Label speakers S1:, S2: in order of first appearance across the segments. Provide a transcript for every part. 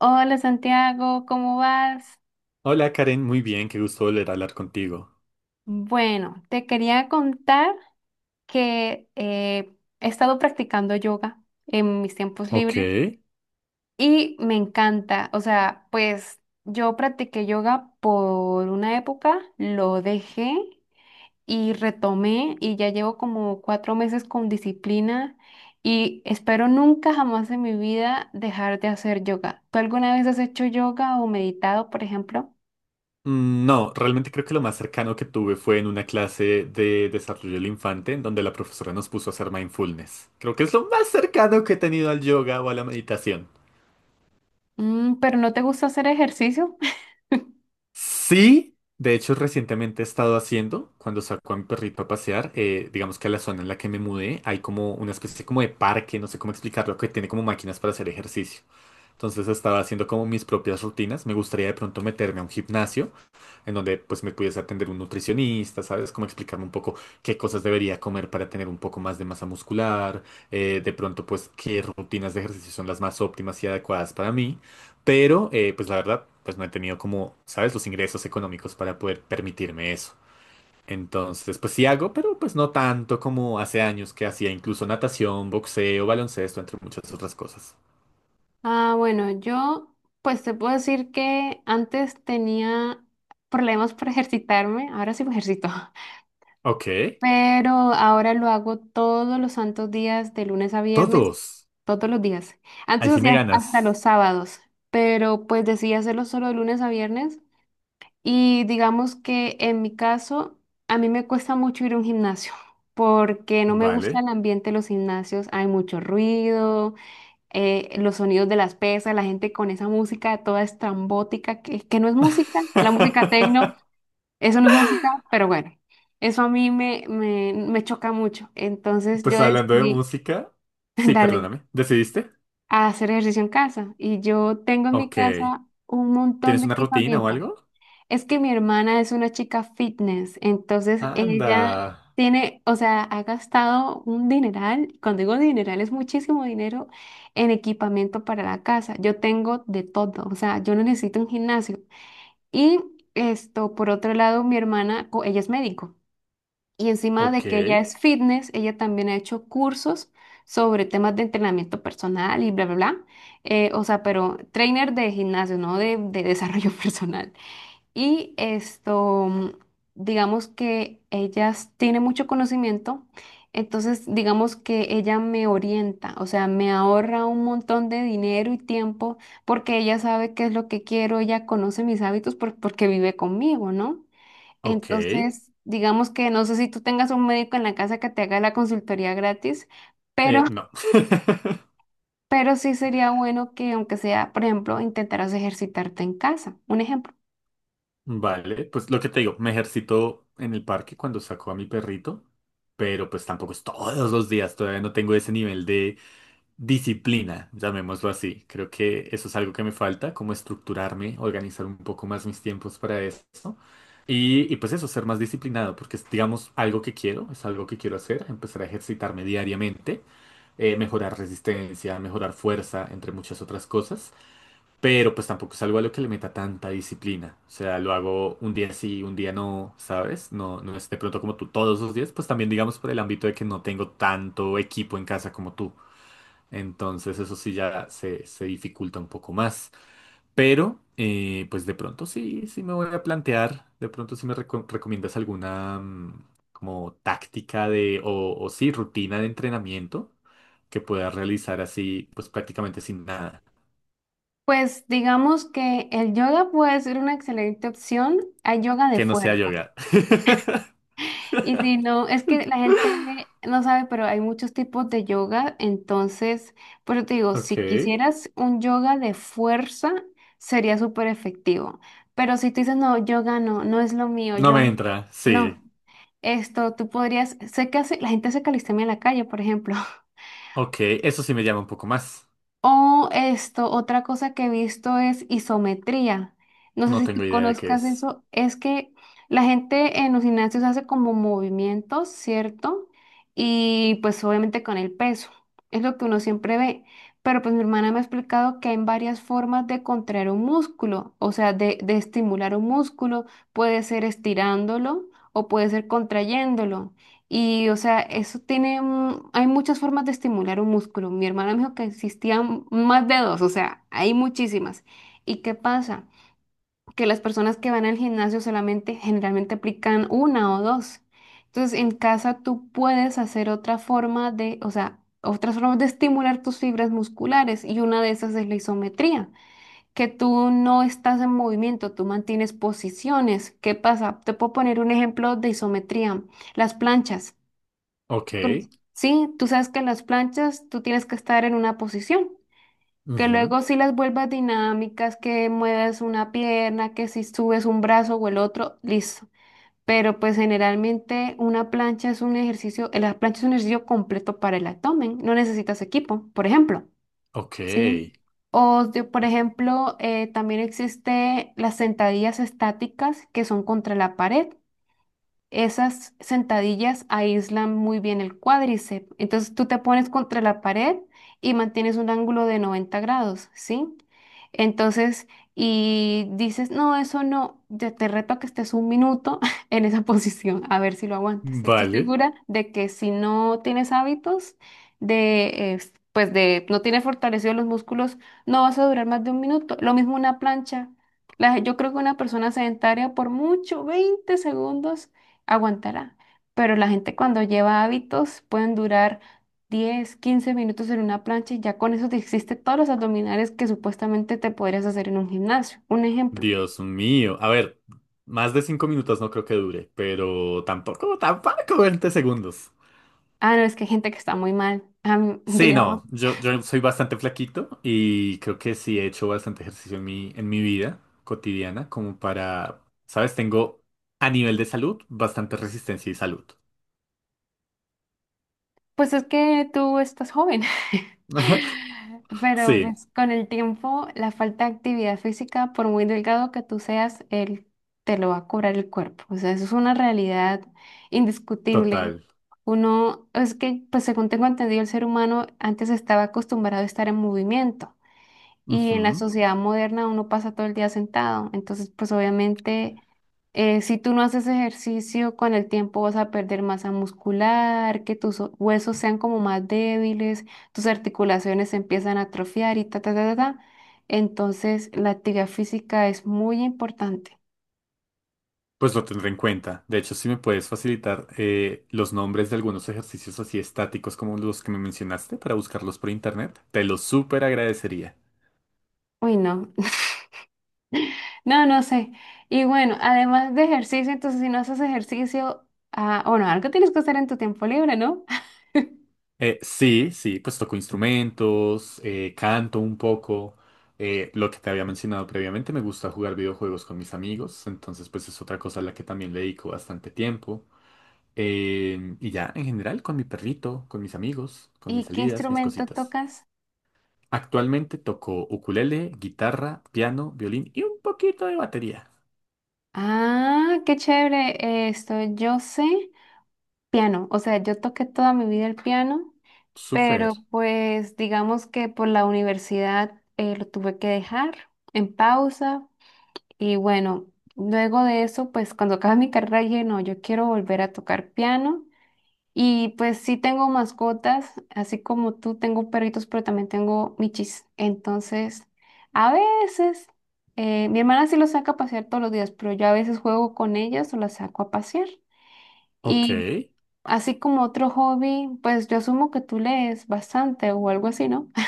S1: Hola Santiago, ¿cómo vas?
S2: Hola Karen, muy bien, qué gusto volver a hablar contigo.
S1: Bueno, te quería contar que he estado practicando yoga en mis tiempos
S2: Ok.
S1: libres y me encanta. O sea, pues yo practiqué yoga por una época, lo dejé y retomé y ya llevo como 4 meses con disciplina y espero nunca jamás en mi vida dejar de hacer yoga. ¿Tú alguna vez has hecho yoga o meditado, por ejemplo?
S2: Mm, no, realmente creo que lo más cercano que tuve fue en una clase de desarrollo del infante, en donde la profesora nos puso a hacer mindfulness. Creo que es lo más cercano que he tenido al yoga o a la meditación.
S1: Pero ¿no te gusta hacer ejercicio?
S2: Sí, de hecho recientemente he estado haciendo, cuando saco a mi perrito a pasear, digamos que a la zona en la que me mudé, hay como una especie como de parque, no sé cómo explicarlo, que tiene como máquinas para hacer ejercicio. Entonces estaba haciendo como mis propias rutinas, me gustaría de pronto meterme a un gimnasio en donde pues me pudiese atender un nutricionista, ¿sabes? Como explicarme un poco qué cosas debería comer para tener un poco más de masa muscular, de pronto pues qué rutinas de ejercicio son las más óptimas y adecuadas para mí, pero pues la verdad pues no he tenido como, ¿sabes? Los ingresos económicos para poder permitirme eso. Entonces, pues sí hago, pero pues no tanto como hace años que hacía incluso natación, boxeo, baloncesto, entre muchas otras cosas.
S1: Ah, bueno, yo pues te puedo decir que antes tenía problemas para ejercitarme, ahora sí me ejercito,
S2: Ok,
S1: pero ahora lo hago todos los santos días, de lunes a viernes,
S2: todos.
S1: todos los días.
S2: Ahí
S1: Antes
S2: sí me
S1: hacía hasta los
S2: ganas.
S1: sábados, pero pues decidí hacerlo solo de lunes a viernes y digamos que en mi caso a mí me cuesta mucho ir a un gimnasio porque no me gusta
S2: Vale.
S1: el ambiente de los gimnasios, hay mucho ruido. Los sonidos de las pesas, la gente con esa música toda estrambótica, que no es música, la música tecno, eso no es música, pero bueno, eso a mí me choca mucho. Entonces yo
S2: Pues hablando de
S1: decidí,
S2: música. Sí,
S1: dale,
S2: perdóname. ¿Decidiste?
S1: a hacer ejercicio en casa. Y yo tengo en mi
S2: Ok.
S1: casa un montón
S2: ¿Tienes
S1: de
S2: una rutina o
S1: equipamiento.
S2: algo?
S1: Es que mi hermana es una chica fitness, entonces
S2: Anda.
S1: ella tiene, o sea, ha gastado un dineral, cuando digo dineral es muchísimo dinero en equipamiento para la casa. Yo tengo de todo, o sea, yo no necesito un gimnasio. Y esto, por otro lado, mi hermana, ella es médico y encima de
S2: Ok.
S1: que ella es fitness, ella también ha hecho cursos sobre temas de entrenamiento personal y bla, bla, bla. O sea, pero trainer de gimnasio, no de desarrollo personal. Y esto, digamos que ella tiene mucho conocimiento, entonces digamos que ella me orienta, o sea, me ahorra un montón de dinero y tiempo porque ella sabe qué es lo que quiero, ella conoce mis hábitos porque vive conmigo, ¿no?
S2: Ok.
S1: Entonces, digamos que no sé si tú tengas un médico en la casa que te haga la consultoría gratis, pero,
S2: No.
S1: pero sí sería bueno que aunque sea, por ejemplo, intentaras ejercitarte en casa, un ejemplo.
S2: Vale, pues lo que te digo, me ejercito en el parque cuando saco a mi perrito, pero pues tampoco es todos los días, todavía no tengo ese nivel de disciplina, llamémoslo así. Creo que eso es algo que me falta, como estructurarme, organizar un poco más mis tiempos para eso. Y pues eso, ser más disciplinado, porque es, digamos, algo que quiero, es algo que quiero hacer, empezar a ejercitarme diariamente, mejorar resistencia, mejorar fuerza, entre muchas otras cosas, pero pues tampoco es algo a lo que le meta tanta disciplina, o sea, lo hago un día sí, un día no, ¿sabes? No, no es de pronto como tú todos los días, pues también digamos por el ámbito de que no tengo tanto equipo en casa como tú. Entonces eso sí ya se dificulta un poco más. Pero pues de pronto sí me voy a plantear, de pronto sí me recomiendas alguna como táctica de o sí, rutina de entrenamiento que puedas realizar así pues prácticamente sin nada,
S1: Pues digamos que el yoga puede ser una excelente opción. Hay yoga de
S2: que no sea
S1: fuerza.
S2: yoga.
S1: Y si no, es que la gente no sabe, pero hay muchos tipos de yoga. Entonces, por eso te digo,
S2: Ok,
S1: si quisieras un yoga de fuerza, sería súper efectivo. Pero si tú dices, no, yoga no, no es lo mío,
S2: no
S1: yo
S2: me
S1: no.
S2: entra, sí.
S1: No, esto tú podrías, sé que hace, la gente hace calistenia en la calle, por ejemplo.
S2: Ok, eso sí me llama un poco más.
S1: O esto, otra cosa que he visto es isometría. No sé
S2: No
S1: si tú
S2: tengo idea de qué
S1: conozcas
S2: es.
S1: eso. Es que la gente en los gimnasios hace como movimientos, ¿cierto? Y pues obviamente con el peso. Es lo que uno siempre ve. Pero pues mi hermana me ha explicado que hay varias formas de contraer un músculo, o sea, de estimular un músculo. Puede ser estirándolo o puede ser contrayéndolo. Y, o sea, eso tiene, hay muchas formas de estimular un músculo. Mi hermana me dijo que existían más de dos, o sea, hay muchísimas. ¿Y qué pasa? Que las personas que van al gimnasio solamente generalmente aplican una o dos. Entonces, en casa tú puedes hacer otra forma de, o sea, otras formas de estimular tus fibras musculares y una de esas es la isometría, que tú no estás en movimiento, tú mantienes posiciones. ¿Qué pasa? Te puedo poner un ejemplo de isometría, las planchas.
S2: Ok,
S1: Sí, sí, tú sabes que en las planchas tú tienes que estar en una posición, que
S2: ujú,
S1: luego si las vuelvas dinámicas, que mueves una pierna, que si subes un brazo o el otro, listo. Pero pues generalmente una plancha es un ejercicio, la plancha es un ejercicio completo para el abdomen, no necesitas equipo, por ejemplo,
S2: ok,
S1: ¿sí? O por ejemplo, también existe las sentadillas estáticas que son contra la pared. Esas sentadillas aíslan muy bien el cuádriceps. Entonces tú te pones contra la pared y mantienes un ángulo de 90 grados, ¿sí? Entonces, y dices, no, eso no, yo te reto a que estés 1 minuto en esa posición, a ver si lo aguantas. Estoy
S2: vale.
S1: segura de que si no tienes hábitos de, pues de, no tienes fortalecido los músculos, no vas a durar más de 1 minuto. Lo mismo una plancha. Yo creo que una persona sedentaria por mucho, 20 segundos aguantará. Pero la gente cuando lleva hábitos pueden durar 10, 15 minutos en una plancha y ya con eso te hiciste todos los abdominales que supuestamente te podrías hacer en un gimnasio. Un ejemplo.
S2: Dios mío. A ver, más de 5 minutos no creo que dure, pero tampoco, tampoco 20 segundos.
S1: Ah, no, es que hay gente que está muy mal.
S2: Sí,
S1: Digamos.
S2: no, yo soy bastante flaquito y creo que sí he hecho bastante ejercicio en en mi vida cotidiana, como para, ¿sabes? Tengo a nivel de salud bastante resistencia y salud.
S1: Pues es que tú estás joven, pero
S2: Sí,
S1: pues con el tiempo la falta de actividad física, por muy delgado que tú seas, él te lo va a cobrar el cuerpo. O sea, eso es una realidad indiscutible.
S2: total.
S1: Uno, es que, pues según tengo entendido, el ser humano antes estaba acostumbrado a estar en movimiento. Y en la
S2: Ujú.
S1: sociedad moderna uno pasa todo el día sentado. Entonces, pues obviamente, si tú no haces ejercicio, con el tiempo vas a perder masa muscular, que tus huesos sean como más débiles, tus articulaciones se empiezan a atrofiar y ta, ta, ta, ta, ta. Entonces, la actividad física es muy importante.
S2: Pues lo tendré en cuenta. De hecho, si me puedes facilitar los nombres de algunos ejercicios así estáticos como los que me mencionaste para buscarlos por internet, te los súper agradecería.
S1: Uy, no. No, no sé. Y bueno, además de ejercicio, entonces si no haces ejercicio, ah, bueno, algo tienes que hacer en tu tiempo libre, ¿no?
S2: Sí, sí, pues toco instrumentos, canto un poco. Lo que te había mencionado previamente, me gusta jugar videojuegos con mis amigos, entonces pues es otra cosa a la que también le dedico bastante tiempo. Y ya, en general, con mi perrito, con mis amigos, con mis
S1: ¿Y qué
S2: salidas, mis
S1: instrumento
S2: cositas.
S1: tocas?
S2: Actualmente toco ukulele, guitarra, piano, violín y un poquito de batería.
S1: Ah, qué chévere. Esto, yo sé piano, o sea, yo toqué toda mi vida el piano,
S2: Súper.
S1: pero pues digamos que por la universidad lo tuve que dejar en pausa y bueno, luego de eso, pues cuando acabé mi carrera dije, no, yo quiero volver a tocar piano y pues sí tengo mascotas, así como tú tengo perritos, pero también tengo michis. Entonces, a veces, mi hermana sí los saca a pasear todos los días, pero yo a veces juego con ellas o las saco a pasear.
S2: Ok.
S1: Y así como otro hobby, pues yo asumo que tú lees bastante o algo así, ¿no?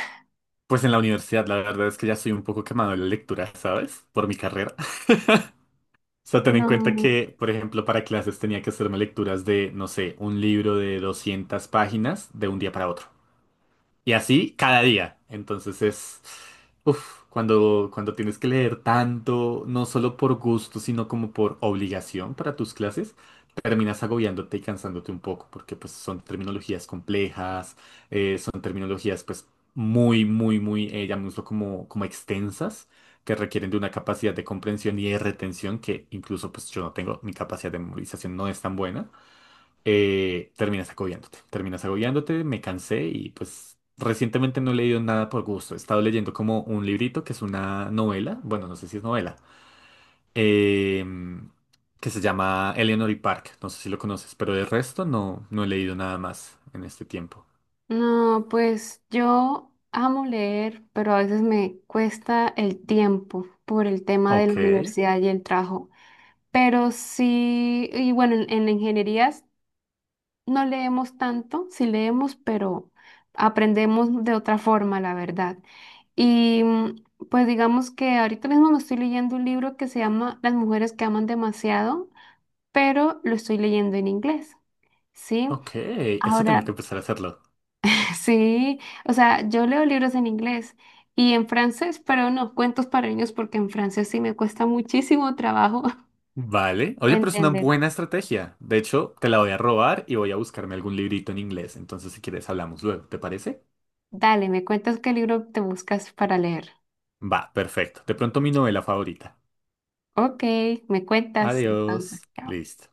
S2: Pues en la universidad la verdad es que ya soy un poco quemado de la lectura, ¿sabes? Por mi carrera. O sea, ten en cuenta
S1: No,
S2: que, por ejemplo, para clases tenía que hacerme lecturas de, no sé, un libro de 200 páginas de un día para otro. Y así cada día. Entonces es, uf, cuando tienes que leer tanto, no solo por gusto, sino como por obligación para tus clases, terminas agobiándote y cansándote un poco, porque pues son terminologías complejas, son terminologías pues muy, llamémoslo como, como extensas, que requieren de una capacidad de comprensión y de retención que incluso pues yo no tengo, mi capacidad de memorización no es tan buena terminas agobiándote. Terminas agobiándote, me cansé y pues recientemente no he leído nada por gusto. He estado leyendo como un librito que es una novela, bueno, no sé si es novela, em, que se llama Eleanor y Park. No sé si lo conoces, pero de resto no, no he leído nada más en este tiempo.
S1: no, pues yo amo leer, pero a veces me cuesta el tiempo por el tema de la
S2: Ok,
S1: universidad y el trabajo. Pero sí, y bueno, en ingenierías no leemos tanto, sí leemos, pero aprendemos de otra forma, la verdad. Y pues digamos que ahorita mismo me estoy leyendo un libro que se llama Las mujeres que aman demasiado, pero lo estoy leyendo en inglés, ¿sí?
S2: ok, eso tengo que
S1: Ahora,
S2: empezar a hacerlo.
S1: sí, o sea, yo leo libros en inglés y en francés, pero no, cuentos para niños porque en francés sí me cuesta muchísimo trabajo
S2: Vale. Oye, pero es una
S1: entender.
S2: buena estrategia. De hecho, te la voy a robar y voy a buscarme algún librito en inglés. Entonces, si quieres, hablamos luego. ¿Te parece?
S1: Dale, me cuentas qué libro te buscas para leer.
S2: Va, perfecto. De pronto mi novela favorita.
S1: Ok, me cuentas. Entonces,
S2: Adiós.
S1: chao.
S2: Listo.